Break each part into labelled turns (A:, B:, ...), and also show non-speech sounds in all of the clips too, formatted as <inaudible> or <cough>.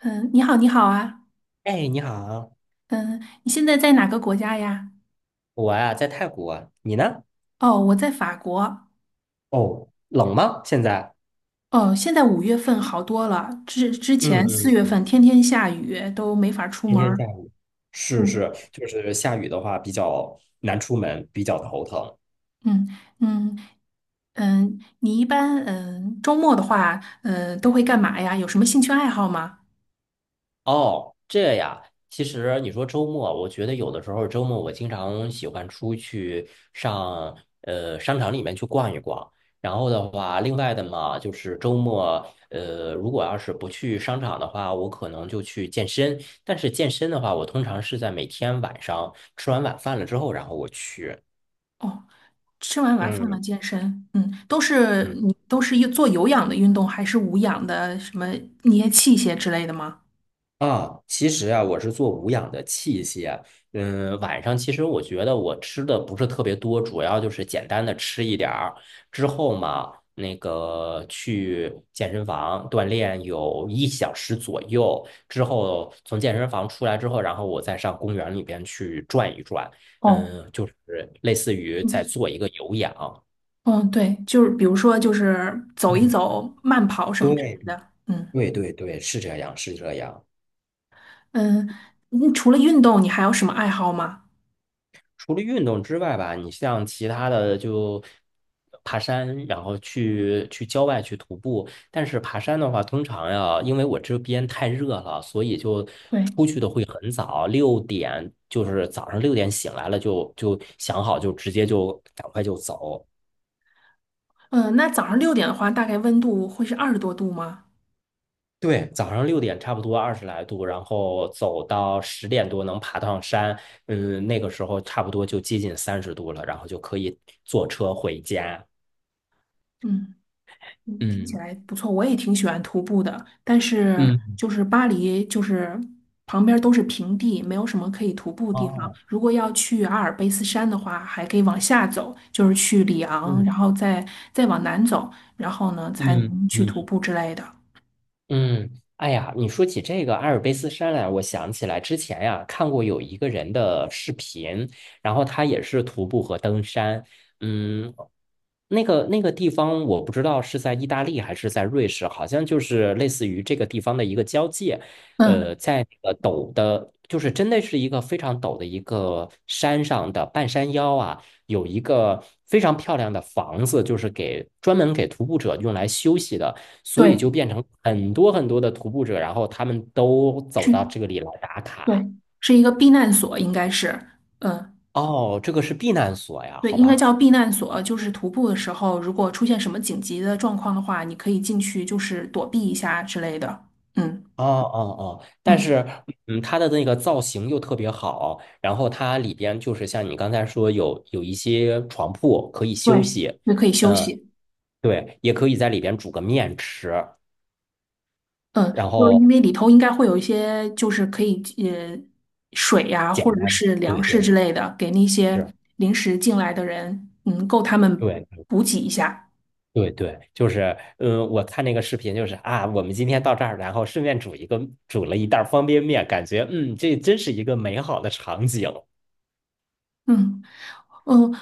A: 嗯，你好，你好啊。
B: 哎，你好，
A: 嗯，你现在在哪个国家呀？
B: 我呀在泰国啊，你呢？
A: 哦，我在法国。
B: 哦，冷吗？现在？
A: 哦，现在5月份好多了，之之
B: 嗯
A: 前四月
B: 嗯，
A: 份天天下雨，都没法出
B: 今
A: 门
B: 天
A: 儿。
B: 下雨。是
A: 嗯
B: 是，就是下雨的话比较难出门，比较头疼。
A: 嗯嗯嗯，你一般周末的话，都会干嘛呀？有什么兴趣爱好吗？
B: 哦，这呀，其实你说周末，我觉得有的时候周末我经常喜欢出去上商场里面去逛一逛。然后的话，另外的嘛，就是周末，如果要是不去商场的话，我可能就去健身。但是健身的话，我通常是在每天晚上吃完晚饭了之后，然后我去。
A: 哦，吃完晚饭了
B: 嗯
A: 健身。
B: 嗯。
A: 你都是做有氧的运动，还是无氧的什么捏器械之类的吗？
B: 啊，其实啊，我是做无氧的器械。嗯，晚上其实我觉得我吃的不是特别多，主要就是简单的吃一点儿。之后嘛，那个去健身房锻炼有1小时左右。之后从健身房出来之后，然后我再上公园里边去转一转。
A: 哦。
B: 嗯，就是类似于在
A: 嗯
B: 做一个有氧。
A: 嗯，对，就是比如说，就是走一
B: 嗯，
A: 走、慢跑什么之
B: 对
A: 类的。嗯
B: 对对对，是这样，是这样。
A: 嗯，你除了运动，你还有什么爱好吗？
B: 除了运动之外吧，你像其他的就爬山，然后去郊外去徒步。但是爬山的话，通常呀，因为我这边太热了，所以就
A: 对，
B: 出去的会很早，六点就是早上六点醒来了就想好就直接就赶快就走。
A: 嗯，那早上6点的话，大概温度会是20多度吗？
B: 对，早上六点差不多20来度，然后走到10点多能爬上山，嗯，那个时候差不多就接近30度了，然后就可以坐车回家。
A: 嗯，听起
B: 嗯。
A: 来不错，我也挺喜欢徒步的，但是
B: 嗯，
A: 就是巴黎就是旁边都是平地，没有什么可以徒步的地方。
B: 哦，
A: 如果要去阿尔卑斯山的话，还可以往下走，就是去里昂，
B: 嗯
A: 然后再再往南走，然后呢才
B: 嗯
A: 能去
B: 嗯
A: 徒步之类的。
B: 嗯，哎呀，你说起这个阿尔卑斯山来，我想起来之前呀、看过有一个人的视频，然后他也是徒步和登山，嗯，那个地方我不知道是在意大利还是在瑞士，好像就是类似于这个地方的一个交界，
A: 嗯，
B: 在那个陡的，就是真的是一个非常陡的一个山上的半山腰啊。有一个非常漂亮的房子，就是给专门给徒步者用来休息的，所以
A: 对，
B: 就变成很多很多的徒步者，然后他们都走到
A: 去
B: 这里来打卡。
A: 对，是一个避难所，应该是，嗯，
B: 哦，这个是避难所呀，
A: 对，
B: 好
A: 应该
B: 吧。
A: 叫避难所。就是徒步的时候，如果出现什么紧急的状况的话，你可以进去，就是躲避一下之类的。嗯
B: 哦哦哦，但
A: 嗯，
B: 是，嗯，它的那个造型又特别好，然后它里边就是像你刚才说有一些床铺可以休
A: 对，
B: 息，
A: 也可以休
B: 嗯，
A: 息。
B: 对，也可以在里边煮个面吃，
A: 嗯，
B: 然
A: 就是因
B: 后
A: 为里头应该会有一些，就是可以水呀、
B: 简
A: 或者
B: 单，
A: 是粮
B: 对对
A: 食之类的，给那些
B: 是，
A: 临时进来的人，嗯，够他们
B: 对
A: 补给一下。
B: 对对，就是，嗯，我看那个视频，就是啊，我们今天到这儿，然后顺便煮一个，煮了一袋儿方便面，感觉，嗯，这真是一个美好的场景。
A: 嗯嗯。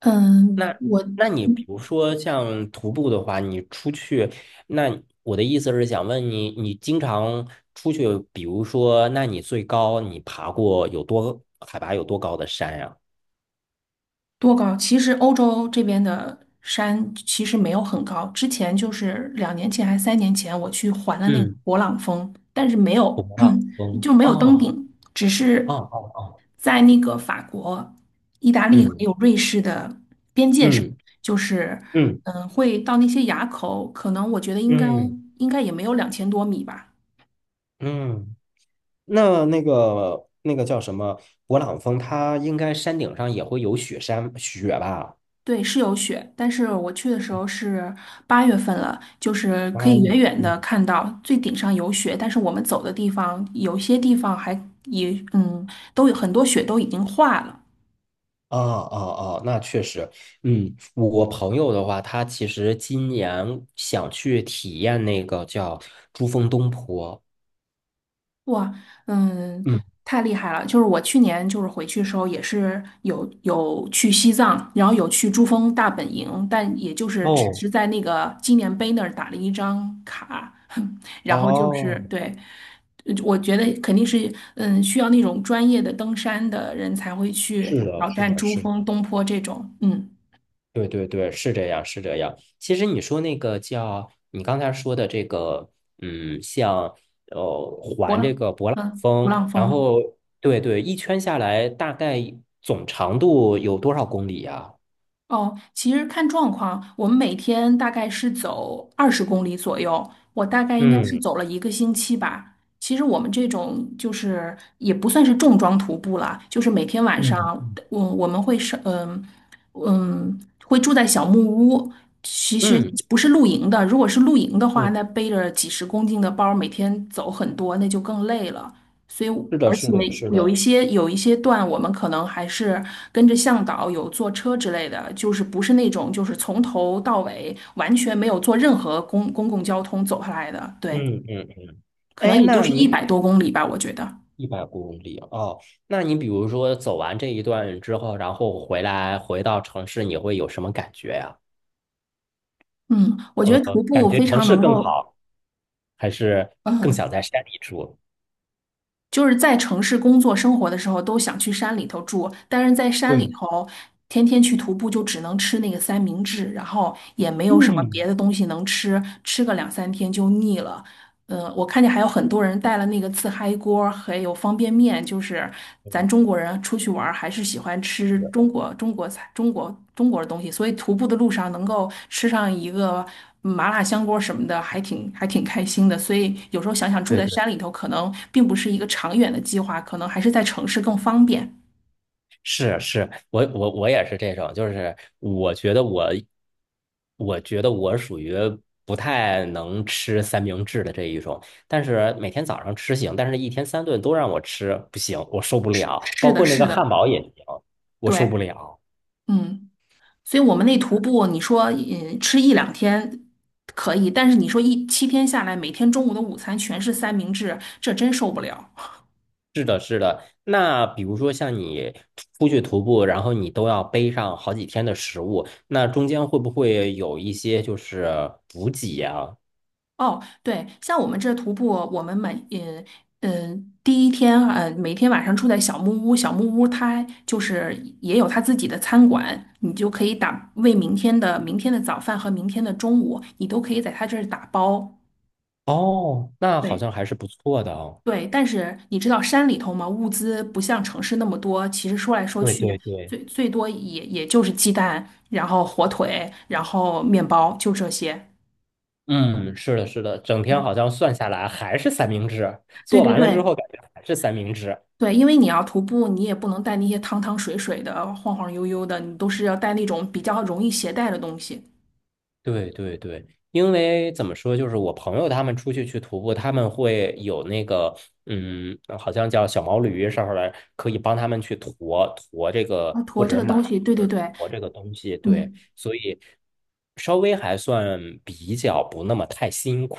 A: 嗯，
B: 那，
A: 我
B: 那你比如说像徒步的话，你出去，那我的意思是想问你，你经常出去，比如说，那你最高你爬过有多，海拔有多高的山呀？
A: 多高？其实欧洲这边的山其实没有很高。之前就是2年前还是3年前，我去环了那个
B: 嗯，
A: 勃朗峰，但是没
B: 不
A: 有，
B: 到
A: <clears throat>
B: 峰。
A: 就没有登
B: 哦
A: 顶，只
B: 哦
A: 是
B: 哦哦，
A: 在那个法国、意大利还
B: 嗯
A: 有瑞士的，
B: 嗯
A: 就是
B: 嗯
A: 会到那些垭口，可能我觉得应该
B: 嗯
A: 应该也没有2000多米吧。
B: 嗯。嗯那个叫什么勃朗峰，它应该山顶上也会有雪山雪吧？
A: 对，是有雪，但是我去的时候是8月份了，就是可
B: 啊，
A: 以远远
B: 嗯，
A: 的看到最顶上有雪，但是我们走的地方有些地方还也都有很多雪都已经化了。
B: 哦哦哦，那确实，嗯，我朋友的话，他其实今年想去体验那个叫珠峰东坡。
A: 哇，嗯，
B: 嗯，
A: 太厉害了！就是我去年就是回去的时候，也是有去西藏，然后有去珠峰大本营，但也就是只
B: 哦，
A: 是在那个纪念碑那儿打了一张卡，<laughs> 然后就是
B: 哦，
A: 对，我觉得肯定是需要那种专业的登山的人才会去
B: 是的，
A: 挑
B: 是
A: 战
B: 的，
A: 珠
B: 是
A: 峰、
B: 的。
A: 东坡这种，
B: 对对对，是这样，是这样。其实你说那个叫你刚才说的这个，嗯，像
A: 勃
B: 环这
A: 浪，
B: 个勃朗
A: 勃
B: 峰，
A: 浪
B: 然
A: 峰。
B: 后对对，一圈下来大概总长度有多少公里呀？
A: 哦，其实看状况，我们每天大概是走20公里左右，我大概应该是
B: 嗯
A: 走了一个星期吧。其实我们这种就是也不算是重装徒步了，就是每天晚上，
B: 嗯
A: 我们会是会住在小木屋，其实
B: 嗯
A: 不是露营的。如果是露营的话，
B: 嗯，
A: 那背着几十公斤的包，每天走很多，那就更累了。所以，
B: 是的，
A: 而
B: 是
A: 且
B: 的，是
A: 有一
B: 的，
A: 些有一些段，我们可能还是跟着向导有坐车之类的，就是不是那种就是从头到尾完全没有坐任何公共交通走下来的，对，
B: 嗯嗯嗯。
A: 可
B: 哎，
A: 能也就
B: 那
A: 是一
B: 你
A: 百多公里吧，我觉得。
B: 100公里哦，那你比如说走完这一段之后，然后回来回到城市，你会有什么感觉呀？
A: 嗯，我觉得徒
B: 感
A: 步
B: 觉
A: 非
B: 城
A: 常
B: 市
A: 能
B: 更
A: 够，
B: 好。还是更想
A: 嗯，
B: 在山里住？
A: 就是在城市工作生活的时候都想去山里头住，但是在山里
B: 对，
A: 头天天去徒步就只能吃那个三明治，然后也没有什么别
B: 嗯，
A: 的东西能吃，吃个两三天就腻了。我看见还有很多人带了那个自嗨锅，还有方便面，就是咱中国人出去玩儿还是喜欢吃中国菜、中国的东西，所以徒步的路上能够吃上一个麻辣香锅什么的，还挺开心的。所以有时候想想住
B: 对
A: 在
B: 对对，
A: 山里头，可能并不是一个长远的计划，可能还是在城市更方便。
B: 是是，我也是这种，就是我觉得我，我觉得我属于不太能吃三明治的这一种，但是每天早上吃行，但是一天三顿都让我吃不行，我受不
A: 是
B: 了，
A: 是
B: 包
A: 的，
B: 括那
A: 是
B: 个汉
A: 的，
B: 堡也行，我受不
A: 对，
B: 了。
A: 嗯。所以我们那徒步，你说吃一两天可以，但是你说7天下来，每天中午的午餐全是三明治，这真受不了。
B: 那比如说像你出去徒步，然后你都要背上好几天的食物，那中间会不会有一些就是补给呀？
A: 哦，对，像我们这徒步，我们每嗯嗯第一天呃每天晚上住在小木屋，小木屋它就是也有它自己的餐馆，你就可以打为明天的早饭和明天的中午，你都可以在它这儿打包。
B: 哦，那好
A: 对，
B: 像还是不错的哦。
A: 对，但是你知道山里头嘛，物资不像城市那么多。其实说来说
B: 对
A: 去，
B: 对对，
A: 最多也就是鸡蛋，然后火腿，然后面包，就这些。
B: 嗯，是的，是的，整天好像算下来还是三明治，
A: 对
B: 做
A: 对
B: 完了之
A: 对
B: 后感觉还是三明治。
A: 对，因为你要徒步，你也不能带那些汤汤水水的、晃晃悠悠的，你都是要带那种比较容易携带的东西。
B: 对对对，因为怎么说，就是我朋友他们出去徒步，他们会有那个，嗯，好像叫小毛驴上面来，可以帮他们去驮这
A: 啊，
B: 个，或
A: 驮这
B: 者
A: 个
B: 马，
A: 东西，对对
B: 或者
A: 对，
B: 驮这个东西。对，
A: 嗯，
B: 所以稍微还算比较不那么太辛苦。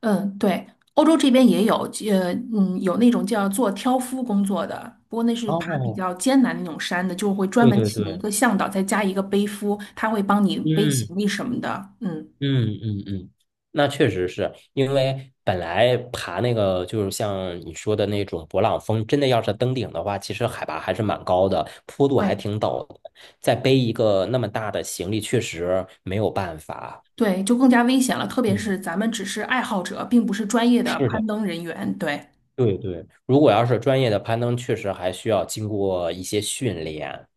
A: 嗯，对，欧洲这边也有，有那种叫做挑夫工作的，不过那是爬比
B: 哦，
A: 较艰难的那种山的，就会专
B: 对
A: 门
B: 对
A: 请一
B: 对，
A: 个向导，再加一个背夫，他会帮你背
B: 嗯，
A: 行李什么的。嗯，
B: 嗯嗯嗯，那确实是因为本来爬那个就是像你说的那种勃朗峰，真的要是登顶的话，其实海拔还是蛮高的，坡度还
A: 对
B: 挺陡的，再背一个那么大的行李，确实没有办法。
A: 对，就更加危险了，特别是
B: 嗯，
A: 咱们只是爱好者，并不是专业的
B: 是的，
A: 攀登人员。对，
B: 对对，如果要是专业的攀登，确实还需要经过一些训练。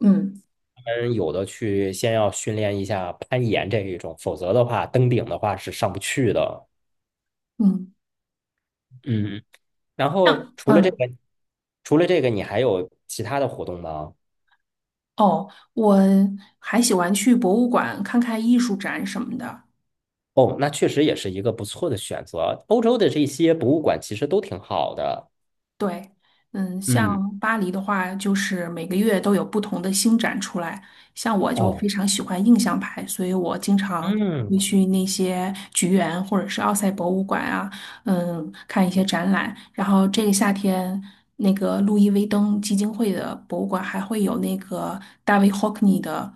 A: 嗯
B: 他们有的去先要训练一下攀岩这一种，否则的话，登顶的话是上不去的。
A: 嗯，
B: 嗯。然后
A: 像嗯
B: 除了这个，你还有其他的活动吗？
A: 哦，我还喜欢去博物馆看看艺术展什么的。
B: 哦，那确实也是一个不错的选择。欧洲的这些博物馆其实都挺好的。
A: 对，
B: 嗯，
A: 像巴黎的话，就是每个月都有不同的新展出来。像我就
B: 哦，
A: 非常喜欢印象派，所以我经常会
B: 嗯，
A: 去那些橘园或者是奥赛博物馆啊，嗯，看一些展览。然后这个夏天，那个路易威登基金会的博物馆还会有那个大卫霍克尼的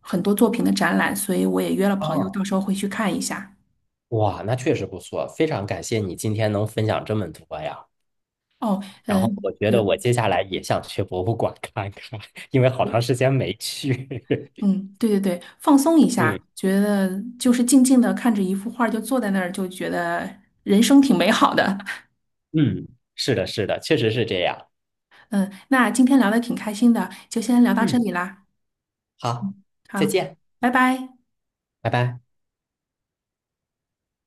A: 很多作品的展览，所以我也约了朋友，到
B: 啊，
A: 时候会去看一下。
B: 哇，那确实不错，非常感谢你今天能分享这么多呀。
A: 哦，
B: 然后
A: 嗯，
B: 我觉
A: 有
B: 得我接下来也想去博物馆看看，<laughs> 因为好长
A: 有。
B: 时间没去。
A: 嗯，对对对，放松一
B: <laughs>
A: 下，
B: 嗯
A: 觉得就是静静的看着一幅画儿就坐在那儿，就觉得人生挺美好的。
B: 嗯，是的，是的，确实是这样。
A: <laughs> 嗯，那今天聊的挺开心的，就先聊到这
B: 嗯，
A: 里啦。
B: 好，再
A: 好，
B: 见，
A: 拜拜。
B: 拜拜。